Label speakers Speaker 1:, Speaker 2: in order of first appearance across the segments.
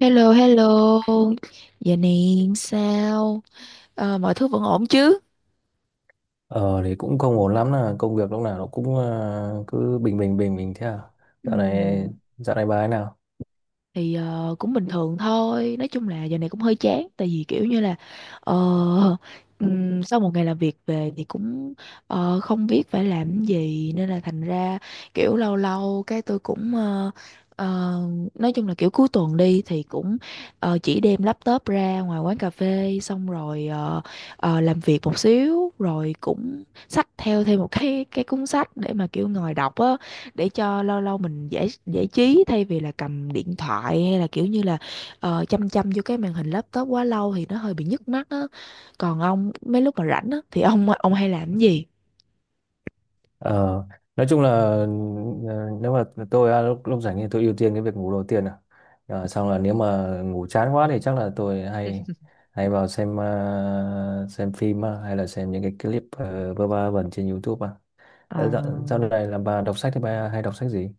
Speaker 1: Hello, hello. Giờ này sao? Mọi thứ vẫn ổn chứ?
Speaker 2: Ờ thì cũng không ổn lắm là công việc lúc nào nó cũng cứ bình bình bình bình thế à.
Speaker 1: Ừ.
Speaker 2: Dạo này dạo này bà ấy nào?
Speaker 1: Thì cũng bình thường thôi, nói chung là giờ này cũng hơi chán tại vì kiểu như là ờ, sau một ngày làm việc về thì cũng không biết phải làm cái gì nên là thành ra kiểu lâu lâu cái tôi cũng ờ, nói chung là kiểu cuối tuần đi thì cũng chỉ đem laptop ra ngoài quán cà phê xong rồi làm việc một xíu rồi cũng xách theo thêm một cái cuốn sách để mà kiểu ngồi đọc á, để cho lâu lâu mình giải giải trí thay vì là cầm điện thoại hay là kiểu như là chăm chăm vô cái màn hình laptop quá lâu thì nó hơi bị nhức mắt á. Còn ông mấy lúc mà rảnh á thì ông hay làm cái gì?
Speaker 2: Ờ nói chung là nếu mà tôi à, lúc lúc rảnh thì tôi ưu tiên cái việc ngủ đầu tiên à. Ờ, xong là nếu mà ngủ chán quá thì chắc là tôi hay hay vào xem xem phim à, hay là xem những cái clip vơ va vẩn trên YouTube à.
Speaker 1: À,
Speaker 2: Ờ, Dạo, dạo này là bà đọc sách thì bà hay đọc sách gì?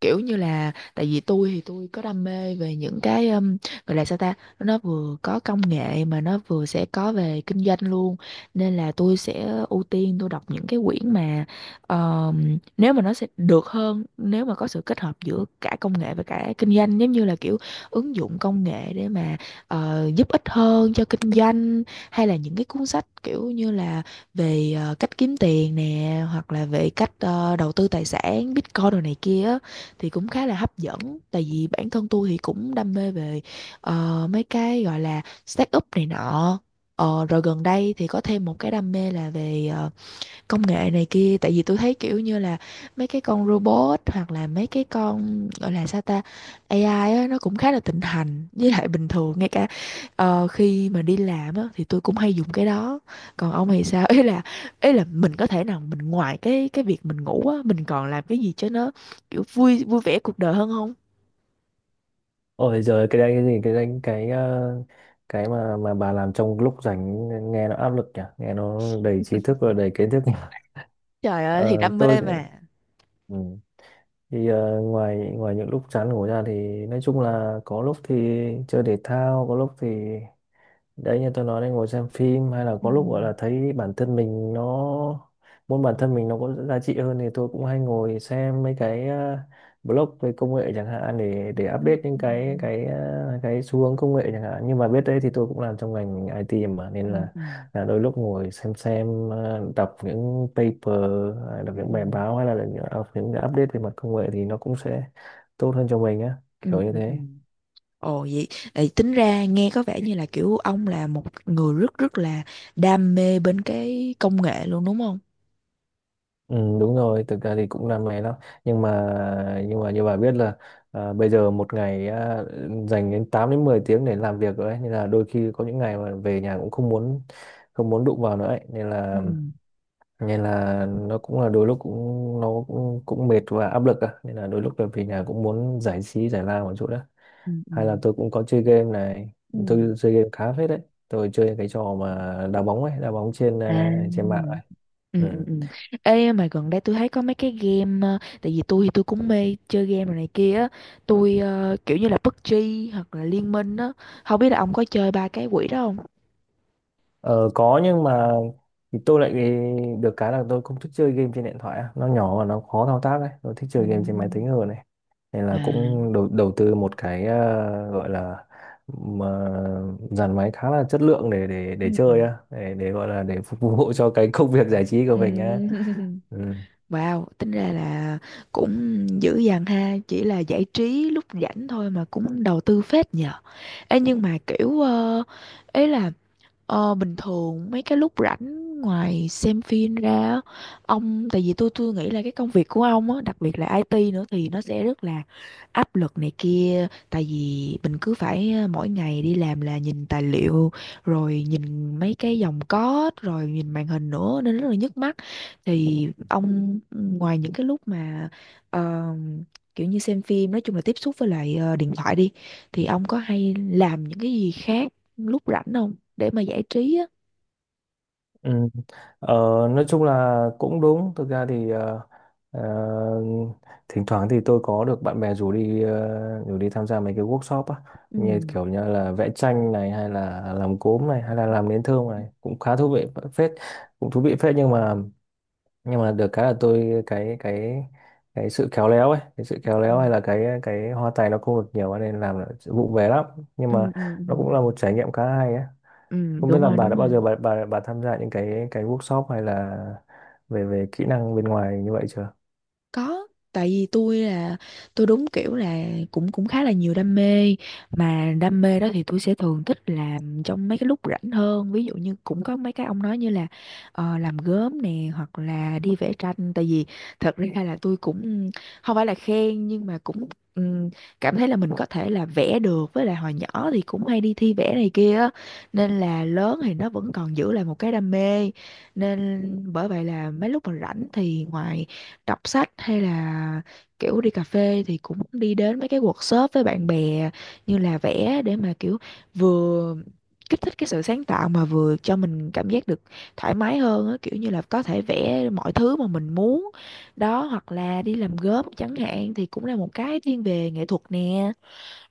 Speaker 1: kiểu như là tại vì tôi thì tôi có đam mê về những cái gọi là sao ta, nó vừa có công nghệ mà nó vừa sẽ có về kinh doanh luôn, nên là tôi sẽ ưu tiên tôi đọc những cái quyển mà nếu mà nó sẽ được hơn nếu mà có sự kết hợp giữa cả công nghệ và cả kinh doanh, giống như là kiểu ứng dụng công nghệ để mà giúp ích hơn cho kinh doanh, hay là những cái cuốn sách kiểu như là về cách kiếm tiền nè, hoặc là về cách đầu tư tài sản Bitcoin đồ này kia á, thì cũng khá là hấp dẫn tại vì bản thân tôi thì cũng đam mê về mấy cái gọi là start up này nọ. Ờ, rồi gần đây thì có thêm một cái đam mê là về công nghệ này kia, tại vì tôi thấy kiểu như là mấy cái con robot hoặc là mấy cái con gọi là sao ta, AI á, nó cũng khá là thịnh hành, với lại bình thường ngay cả khi mà đi làm á thì tôi cũng hay dùng cái đó. Còn ông thì sao? Ý là mình có thể nào mình ngoài cái việc mình ngủ á, mình còn làm cái gì cho nó kiểu vui vui vẻ cuộc đời hơn không?
Speaker 2: Ôi giời cái đấy cái gì cái đấy cái ờ, cái mà bà làm trong lúc rảnh nghe nó áp lực nhỉ, nghe nó đầy trí thức và đầy kiến thức nhỉ.
Speaker 1: Trời ơi thì
Speaker 2: Ờ,
Speaker 1: đam mê mà.
Speaker 2: ừ. Thì ngoài ngoài những lúc chán ngủ ra thì nói chung là có lúc thì chơi thể thao, có lúc thì đấy như tôi nói đây ngồi xem phim, hay là
Speaker 1: Ừ
Speaker 2: có lúc gọi là thấy bản thân mình nó muốn bản thân mình nó có giá trị hơn thì tôi cũng hay ngồi xem mấy cái blog về công nghệ chẳng hạn, để update những
Speaker 1: ừ
Speaker 2: cái xu hướng công nghệ chẳng hạn. Nhưng mà biết đấy thì tôi cũng làm trong ngành IT mà, nên
Speaker 1: ừ ừ
Speaker 2: là đôi lúc ngồi đọc những paper, đọc
Speaker 1: ừ
Speaker 2: những bài báo, hay là đọc những cái update về mặt công nghệ thì nó cũng sẽ tốt hơn cho mình á,
Speaker 1: ừ
Speaker 2: kiểu như
Speaker 1: ừ Ừ.
Speaker 2: thế.
Speaker 1: Ồ vậy, vậy tính ra nghe có vẻ như là kiểu ông là một người rất rất là đam mê bên cái công nghệ luôn đúng không?
Speaker 2: Ừ, đúng rồi, thực ra thì cũng đam mê lắm nhưng mà như bà biết là à, bây giờ một ngày à, dành đến 8 đến 10 tiếng để làm việc rồi ấy. Nên là đôi khi có những ngày mà về nhà cũng không muốn đụng vào nữa ấy. Nên
Speaker 1: Ừ,
Speaker 2: là nó cũng là đôi lúc cũng cũng mệt và áp lực á. Nên là đôi lúc là về nhà cũng muốn giải trí giải lao một chút đó,
Speaker 1: ừ, ừ,
Speaker 2: hay là tôi cũng có chơi game này,
Speaker 1: ừ.
Speaker 2: tôi chơi game khá phết đấy, tôi chơi cái trò mà đá bóng ấy, đá bóng trên à, trên mạng ấy.
Speaker 1: À. Ừ, ừ,
Speaker 2: Ừ.
Speaker 1: ừ. Ê mà gần đây tôi thấy có mấy cái game, tại vì tôi thì tôi cũng mê chơi game rồi này kia á, tôi kiểu như là PUBG hoặc là Liên Minh á, không biết là ông có chơi ba cái quỷ đó không?
Speaker 2: Ờ, có nhưng mà thì tôi lại được cái là tôi không thích chơi game trên điện thoại á. Nó nhỏ và nó khó thao tác đấy, tôi thích chơi game trên máy tính
Speaker 1: Ừ.
Speaker 2: hơn này, nên
Speaker 1: à
Speaker 2: là cũng đầu đầu tư một cái ờ, gọi là mà dàn máy khá là chất lượng để để
Speaker 1: Ừ.
Speaker 2: để chơi á, để gọi là để phục vụ cho cái công việc giải trí của
Speaker 1: ừ.
Speaker 2: mình á. Ừ.
Speaker 1: Wow, tính ra là cũng dữ dằn ha, chỉ là giải trí lúc rảnh thôi mà cũng đầu tư phết nhờ. Ê nhưng mà kiểu ấy là Ờ, bình thường mấy cái lúc rảnh ngoài xem phim ra á, ông tại vì tôi nghĩ là cái công việc của ông á, đặc biệt là IT nữa thì nó sẽ rất là áp lực này kia, tại vì mình cứ phải mỗi ngày đi làm là nhìn tài liệu rồi nhìn mấy cái dòng code rồi nhìn màn hình nữa nên rất là nhức mắt. Thì ông ngoài những cái lúc mà ờ, kiểu như xem phim, nói chung là tiếp xúc với lại điện thoại đi, thì ông có hay làm những cái gì khác lúc rảnh không, để mà giải trí á?
Speaker 2: Ừ. Ờ, nói chung là cũng đúng, thực ra thì ờ, thỉnh thoảng thì tôi có được bạn bè rủ đi rủ đi tham gia mấy cái workshop á,
Speaker 1: Ừ
Speaker 2: như kiểu như là vẽ tranh này, hay là làm cốm này, hay là làm nến thơm này, cũng khá thú vị phết, cũng thú vị phết. Nhưng mà được cái là tôi cái sự khéo léo ấy, cái sự khéo
Speaker 1: ừ
Speaker 2: léo hay là cái hoa tay nó không được nhiều nên làm là vụ về lắm, nhưng
Speaker 1: ừ,
Speaker 2: mà
Speaker 1: ừ, ừ.
Speaker 2: nó cũng là một trải nghiệm khá hay ấy.
Speaker 1: Ừ,
Speaker 2: Không biết
Speaker 1: đúng
Speaker 2: là
Speaker 1: rồi
Speaker 2: bà đã
Speaker 1: đúng
Speaker 2: bao
Speaker 1: rồi.
Speaker 2: giờ bà tham gia những cái workshop hay là về về kỹ năng bên ngoài như vậy chưa?
Speaker 1: Có, tại vì tôi là tôi đúng kiểu là cũng cũng khá là nhiều đam mê, mà đam mê đó thì tôi sẽ thường thích làm trong mấy cái lúc rảnh hơn, ví dụ như cũng có mấy cái ông nói như là làm gốm nè hoặc là đi vẽ tranh, tại vì thật ra là tôi cũng không phải là khen nhưng mà cũng ừm, cảm thấy là mình có thể là vẽ được, với lại hồi nhỏ thì cũng hay đi thi vẽ này kia á, nên là lớn thì nó vẫn còn giữ lại một cái đam mê, nên bởi vậy là mấy lúc mà rảnh thì ngoài đọc sách hay là kiểu đi cà phê thì cũng đi đến mấy cái workshop với bạn bè như là vẽ, để mà kiểu vừa kích thích cái sự sáng tạo mà vừa cho mình cảm giác được thoải mái hơn á, kiểu như là có thể vẽ mọi thứ mà mình muốn đó, hoặc là đi làm gốm chẳng hạn thì cũng là một cái thiên về nghệ thuật nè.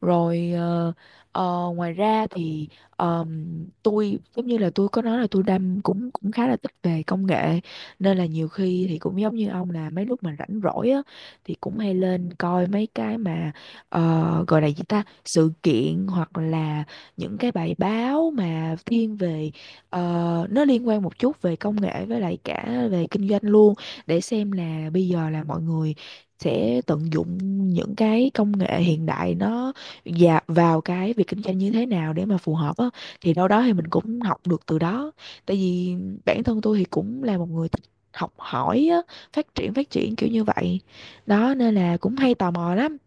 Speaker 1: Rồi ngoài ra thì ờm, tôi giống như là tôi có nói là tôi đam cũng cũng khá là thích về công nghệ, nên là nhiều khi thì cũng giống như ông, là mấy lúc mà rảnh rỗi á thì cũng hay lên coi mấy cái mà gọi là gì ta, sự kiện hoặc là những cái bài báo mà thiên về nó liên quan một chút về công nghệ với lại cả về kinh doanh luôn, để xem là bây giờ là mọi người sẽ tận dụng những cái công nghệ hiện đại nó dạ vào cái việc kinh doanh như thế nào để mà phù hợp á, thì đâu đó thì mình cũng học được từ đó. Tại vì bản thân tôi thì cũng là một người thích học hỏi á, phát triển kiểu như vậy đó nên là cũng hay tò mò lắm.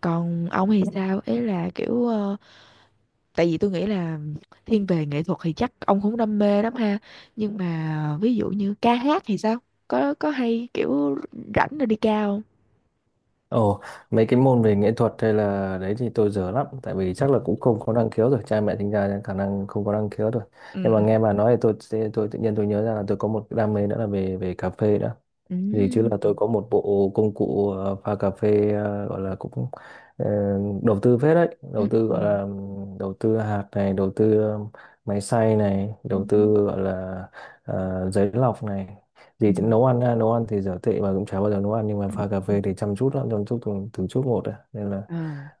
Speaker 1: Còn ông thì sao, ấy là kiểu tại vì tôi nghĩ là thiên về nghệ thuật thì chắc ông cũng đam mê lắm ha, nhưng mà ví dụ như ca hát thì sao, có hay kiểu rảnh rồi đi ca không?
Speaker 2: Ồ, mấy cái môn về nghệ thuật hay là đấy thì tôi dở lắm, tại vì chắc là cũng không có năng khiếu rồi, cha mẹ sinh ra khả năng không có năng khiếu rồi.
Speaker 1: Ừ
Speaker 2: Nhưng mà nghe bà nói thì tôi tự nhiên tôi nhớ ra là tôi có một cái đam mê nữa là về về cà phê nữa.
Speaker 1: ừ
Speaker 2: Gì chứ là tôi có một bộ công cụ pha cà phê, gọi là cũng ờ, đầu tư phết đấy,
Speaker 1: ừ
Speaker 2: đầu tư
Speaker 1: ừ
Speaker 2: gọi là đầu tư hạt này, đầu tư máy xay này,
Speaker 1: ừ
Speaker 2: đầu tư gọi là giấy lọc này.
Speaker 1: ừ
Speaker 2: Gì chứ nấu ăn ha, nấu ăn thì dở tệ mà cũng chả bao giờ nấu ăn, nhưng mà
Speaker 1: ừ.
Speaker 2: pha cà
Speaker 1: ừ.
Speaker 2: phê thì chăm chút lắm, chăm chút từng chút một đấy. Nên là
Speaker 1: Ờ,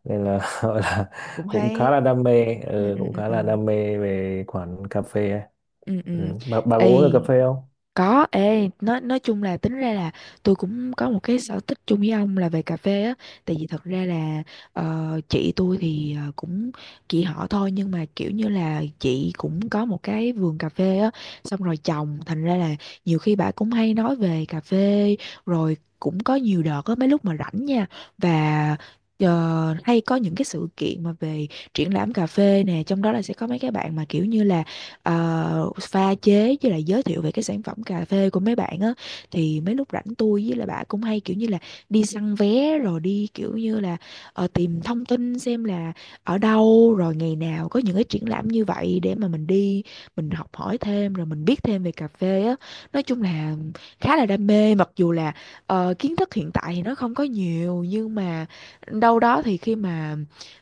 Speaker 2: nên là gọi là
Speaker 1: cũng
Speaker 2: cũng
Speaker 1: hay.
Speaker 2: khá là đam mê,
Speaker 1: Ừ,
Speaker 2: ừ,
Speaker 1: ừ,
Speaker 2: cũng
Speaker 1: ừ,
Speaker 2: khá
Speaker 1: ừ,
Speaker 2: là đam mê về khoản cà phê ấy.
Speaker 1: ừ, ừ.
Speaker 2: Ừ. Bà có uống
Speaker 1: Ê,
Speaker 2: được cà phê không?
Speaker 1: có, ê, nói chung là tính ra là tôi cũng có một cái sở thích chung với ông là về cà phê á, tại vì thật ra là chị tôi thì cũng chị họ thôi, nhưng mà kiểu như là chị cũng có một cái vườn cà phê á, xong rồi trồng thành ra là nhiều khi bà cũng hay nói về cà phê, rồi cũng có nhiều đợt á mấy lúc mà rảnh nha, và hay có những cái sự kiện mà về triển lãm cà phê nè, trong đó là sẽ có mấy cái bạn mà kiểu như là pha chế với lại giới thiệu về cái sản phẩm cà phê của mấy bạn á, thì mấy lúc rảnh tôi với lại bà cũng hay kiểu như là đi săn vé rồi đi kiểu như là tìm thông tin xem là ở đâu rồi ngày nào có những cái triển lãm như vậy để mà mình đi, mình học hỏi thêm rồi mình biết thêm về cà phê á. Nói chung là khá là đam mê, mặc dù là kiến thức hiện tại thì nó không có nhiều, nhưng mà đâu đó thì khi mà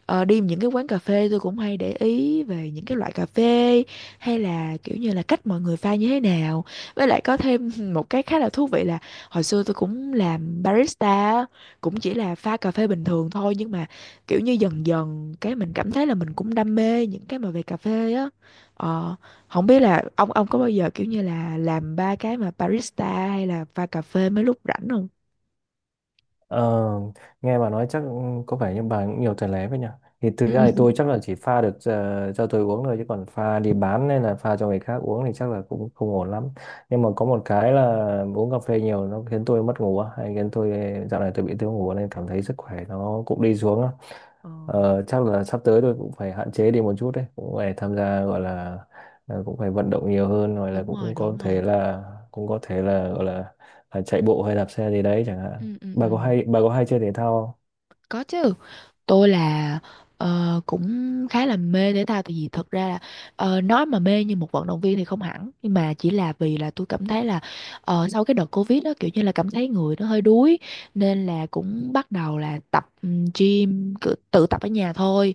Speaker 1: đi những cái quán cà phê tôi cũng hay để ý về những cái loại cà phê hay là kiểu như là cách mọi người pha như thế nào, với lại có thêm một cái khá là thú vị là hồi xưa tôi cũng làm barista á, cũng chỉ là pha cà phê bình thường thôi, nhưng mà kiểu như dần dần cái mình cảm thấy là mình cũng đam mê những cái mà về cà phê á. ờ, Không biết là ông có bao giờ kiểu như là làm ba cái mà barista hay là pha cà phê mấy lúc rảnh không?
Speaker 2: Ờ, nghe bà nói chắc có vẻ như bà cũng nhiều tài lé vậy nhỉ. Thì thực
Speaker 1: Ừ.
Speaker 2: ra thì tôi chắc là chỉ pha được cho tôi uống thôi, chứ còn pha đi bán hay là pha cho người khác uống thì chắc là cũng không ổn lắm. Nhưng mà có một cái là uống cà phê nhiều nó khiến tôi mất ngủ á, hay khiến tôi dạo này tôi bị thiếu ngủ nên cảm thấy sức khỏe nó cũng đi xuống á.
Speaker 1: Ừ,
Speaker 2: Ờ, chắc là sắp tới tôi cũng phải hạn chế đi một chút đấy, cũng phải tham gia gọi là cũng phải vận động nhiều hơn, rồi là
Speaker 1: đúng rồi,
Speaker 2: cũng có
Speaker 1: đúng
Speaker 2: thể
Speaker 1: rồi.
Speaker 2: là gọi là chạy bộ hay đạp xe gì đấy chẳng hạn.
Speaker 1: Ừ, ừ, ừ.
Speaker 2: Bà có hay chơi thể thao không?
Speaker 1: Có chứ. Tôi là cũng khá là mê thể thao, tại vì thật ra là nói mà mê như một vận động viên thì không hẳn, nhưng mà chỉ là vì là tôi cảm thấy là sau cái đợt Covid đó kiểu như là cảm thấy người nó hơi đuối, nên là cũng bắt đầu là tập gym, cự- tự tập ở nhà thôi.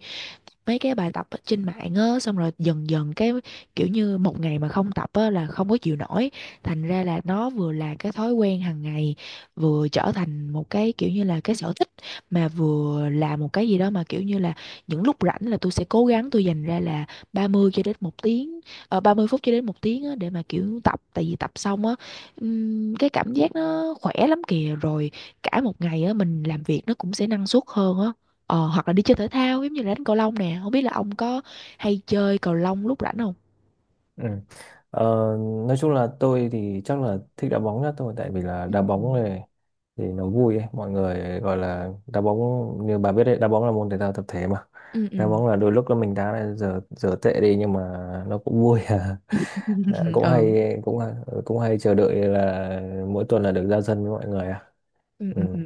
Speaker 1: Mấy cái bài tập ở trên mạng á, xong rồi dần dần cái kiểu như một ngày mà không tập á là không có chịu nổi. Thành ra là nó vừa là cái thói quen hàng ngày, vừa trở thành một cái kiểu như là cái sở thích, mà vừa làm một cái gì đó mà kiểu như là những lúc rảnh là tôi sẽ cố gắng tôi dành ra là 30 cho đến 1 tiếng, 30 phút cho đến 1 tiếng á, để mà kiểu tập, tại vì tập xong á cái cảm giác nó khỏe lắm kìa, rồi cả một ngày á mình làm việc nó cũng sẽ năng suất hơn á. Hoặc là đi chơi thể thao giống như là đánh cầu lông nè, không biết là ông có hay chơi cầu lông lúc rảnh không?
Speaker 2: Ừ. Ờ, nói chung là tôi thì chắc là thích đá bóng nhất thôi, tại vì là
Speaker 1: Ừ.
Speaker 2: đá bóng này thì nó vui ấy, mọi người gọi là đá bóng, như bà biết đấy đá bóng là môn thể thao tập thể mà.
Speaker 1: ừ
Speaker 2: Đá
Speaker 1: ừ
Speaker 2: bóng là đôi lúc là mình đá là giờ giờ tệ đi nhưng mà nó cũng vui à. Ờ, cũng
Speaker 1: ừ
Speaker 2: hay cũng hay chờ đợi là mỗi tuần là được ra sân với mọi người à.
Speaker 1: ừ
Speaker 2: Ừ.
Speaker 1: ừ ừ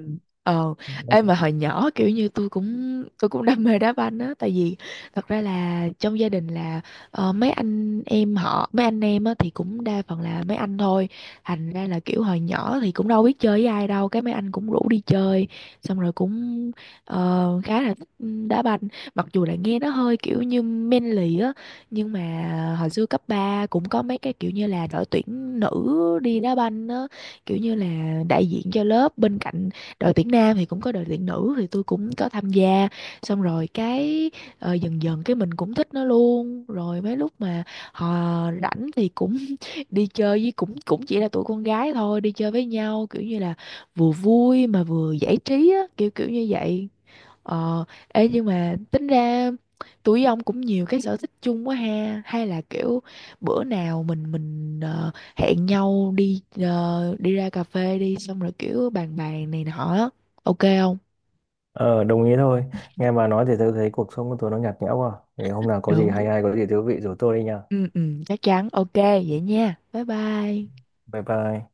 Speaker 1: ờ em mà hồi nhỏ kiểu như tôi cũng đam mê đá banh á, tại vì thật ra là trong gia đình là mấy anh em họ mấy anh em á thì cũng đa phần là mấy anh thôi, thành ra là kiểu hồi nhỏ thì cũng đâu biết chơi với ai đâu, cái mấy anh cũng rủ đi chơi, xong rồi cũng khá là thích đá banh, mặc dù là nghe nó hơi kiểu như manly á, nhưng mà hồi xưa cấp 3 cũng có mấy cái kiểu như là đội tuyển nữ đi đá banh á, kiểu như là đại diện cho lớp bên cạnh đội tuyển nam thì cũng có đội tuyển nữ, thì tôi cũng có tham gia, xong rồi cái dần dần cái mình cũng thích nó luôn, rồi mấy lúc mà họ rảnh thì cũng đi chơi với, cũng cũng chỉ là tụi con gái thôi, đi chơi với nhau kiểu như là vừa vui mà vừa giải trí á, kiểu kiểu như vậy. Ờ, ê nhưng mà tính ra tụi ông cũng nhiều cái sở thích chung quá ha, hay là kiểu bữa nào mình hẹn nhau đi đi ra cà phê đi xong rồi kiểu bàn bàn này nọ á. Ok không?
Speaker 2: Ờ, đồng ý thôi. Nghe bà nói thì tôi thấy cuộc sống của tôi nó nhạt nhẽo quá. Thì hôm nào có gì
Speaker 1: Được.
Speaker 2: hay hay có gì thú vị rủ tôi đi nha.
Speaker 1: Ừ ừ chắc chắn. Ok vậy nha, bye bye.
Speaker 2: Bye bye.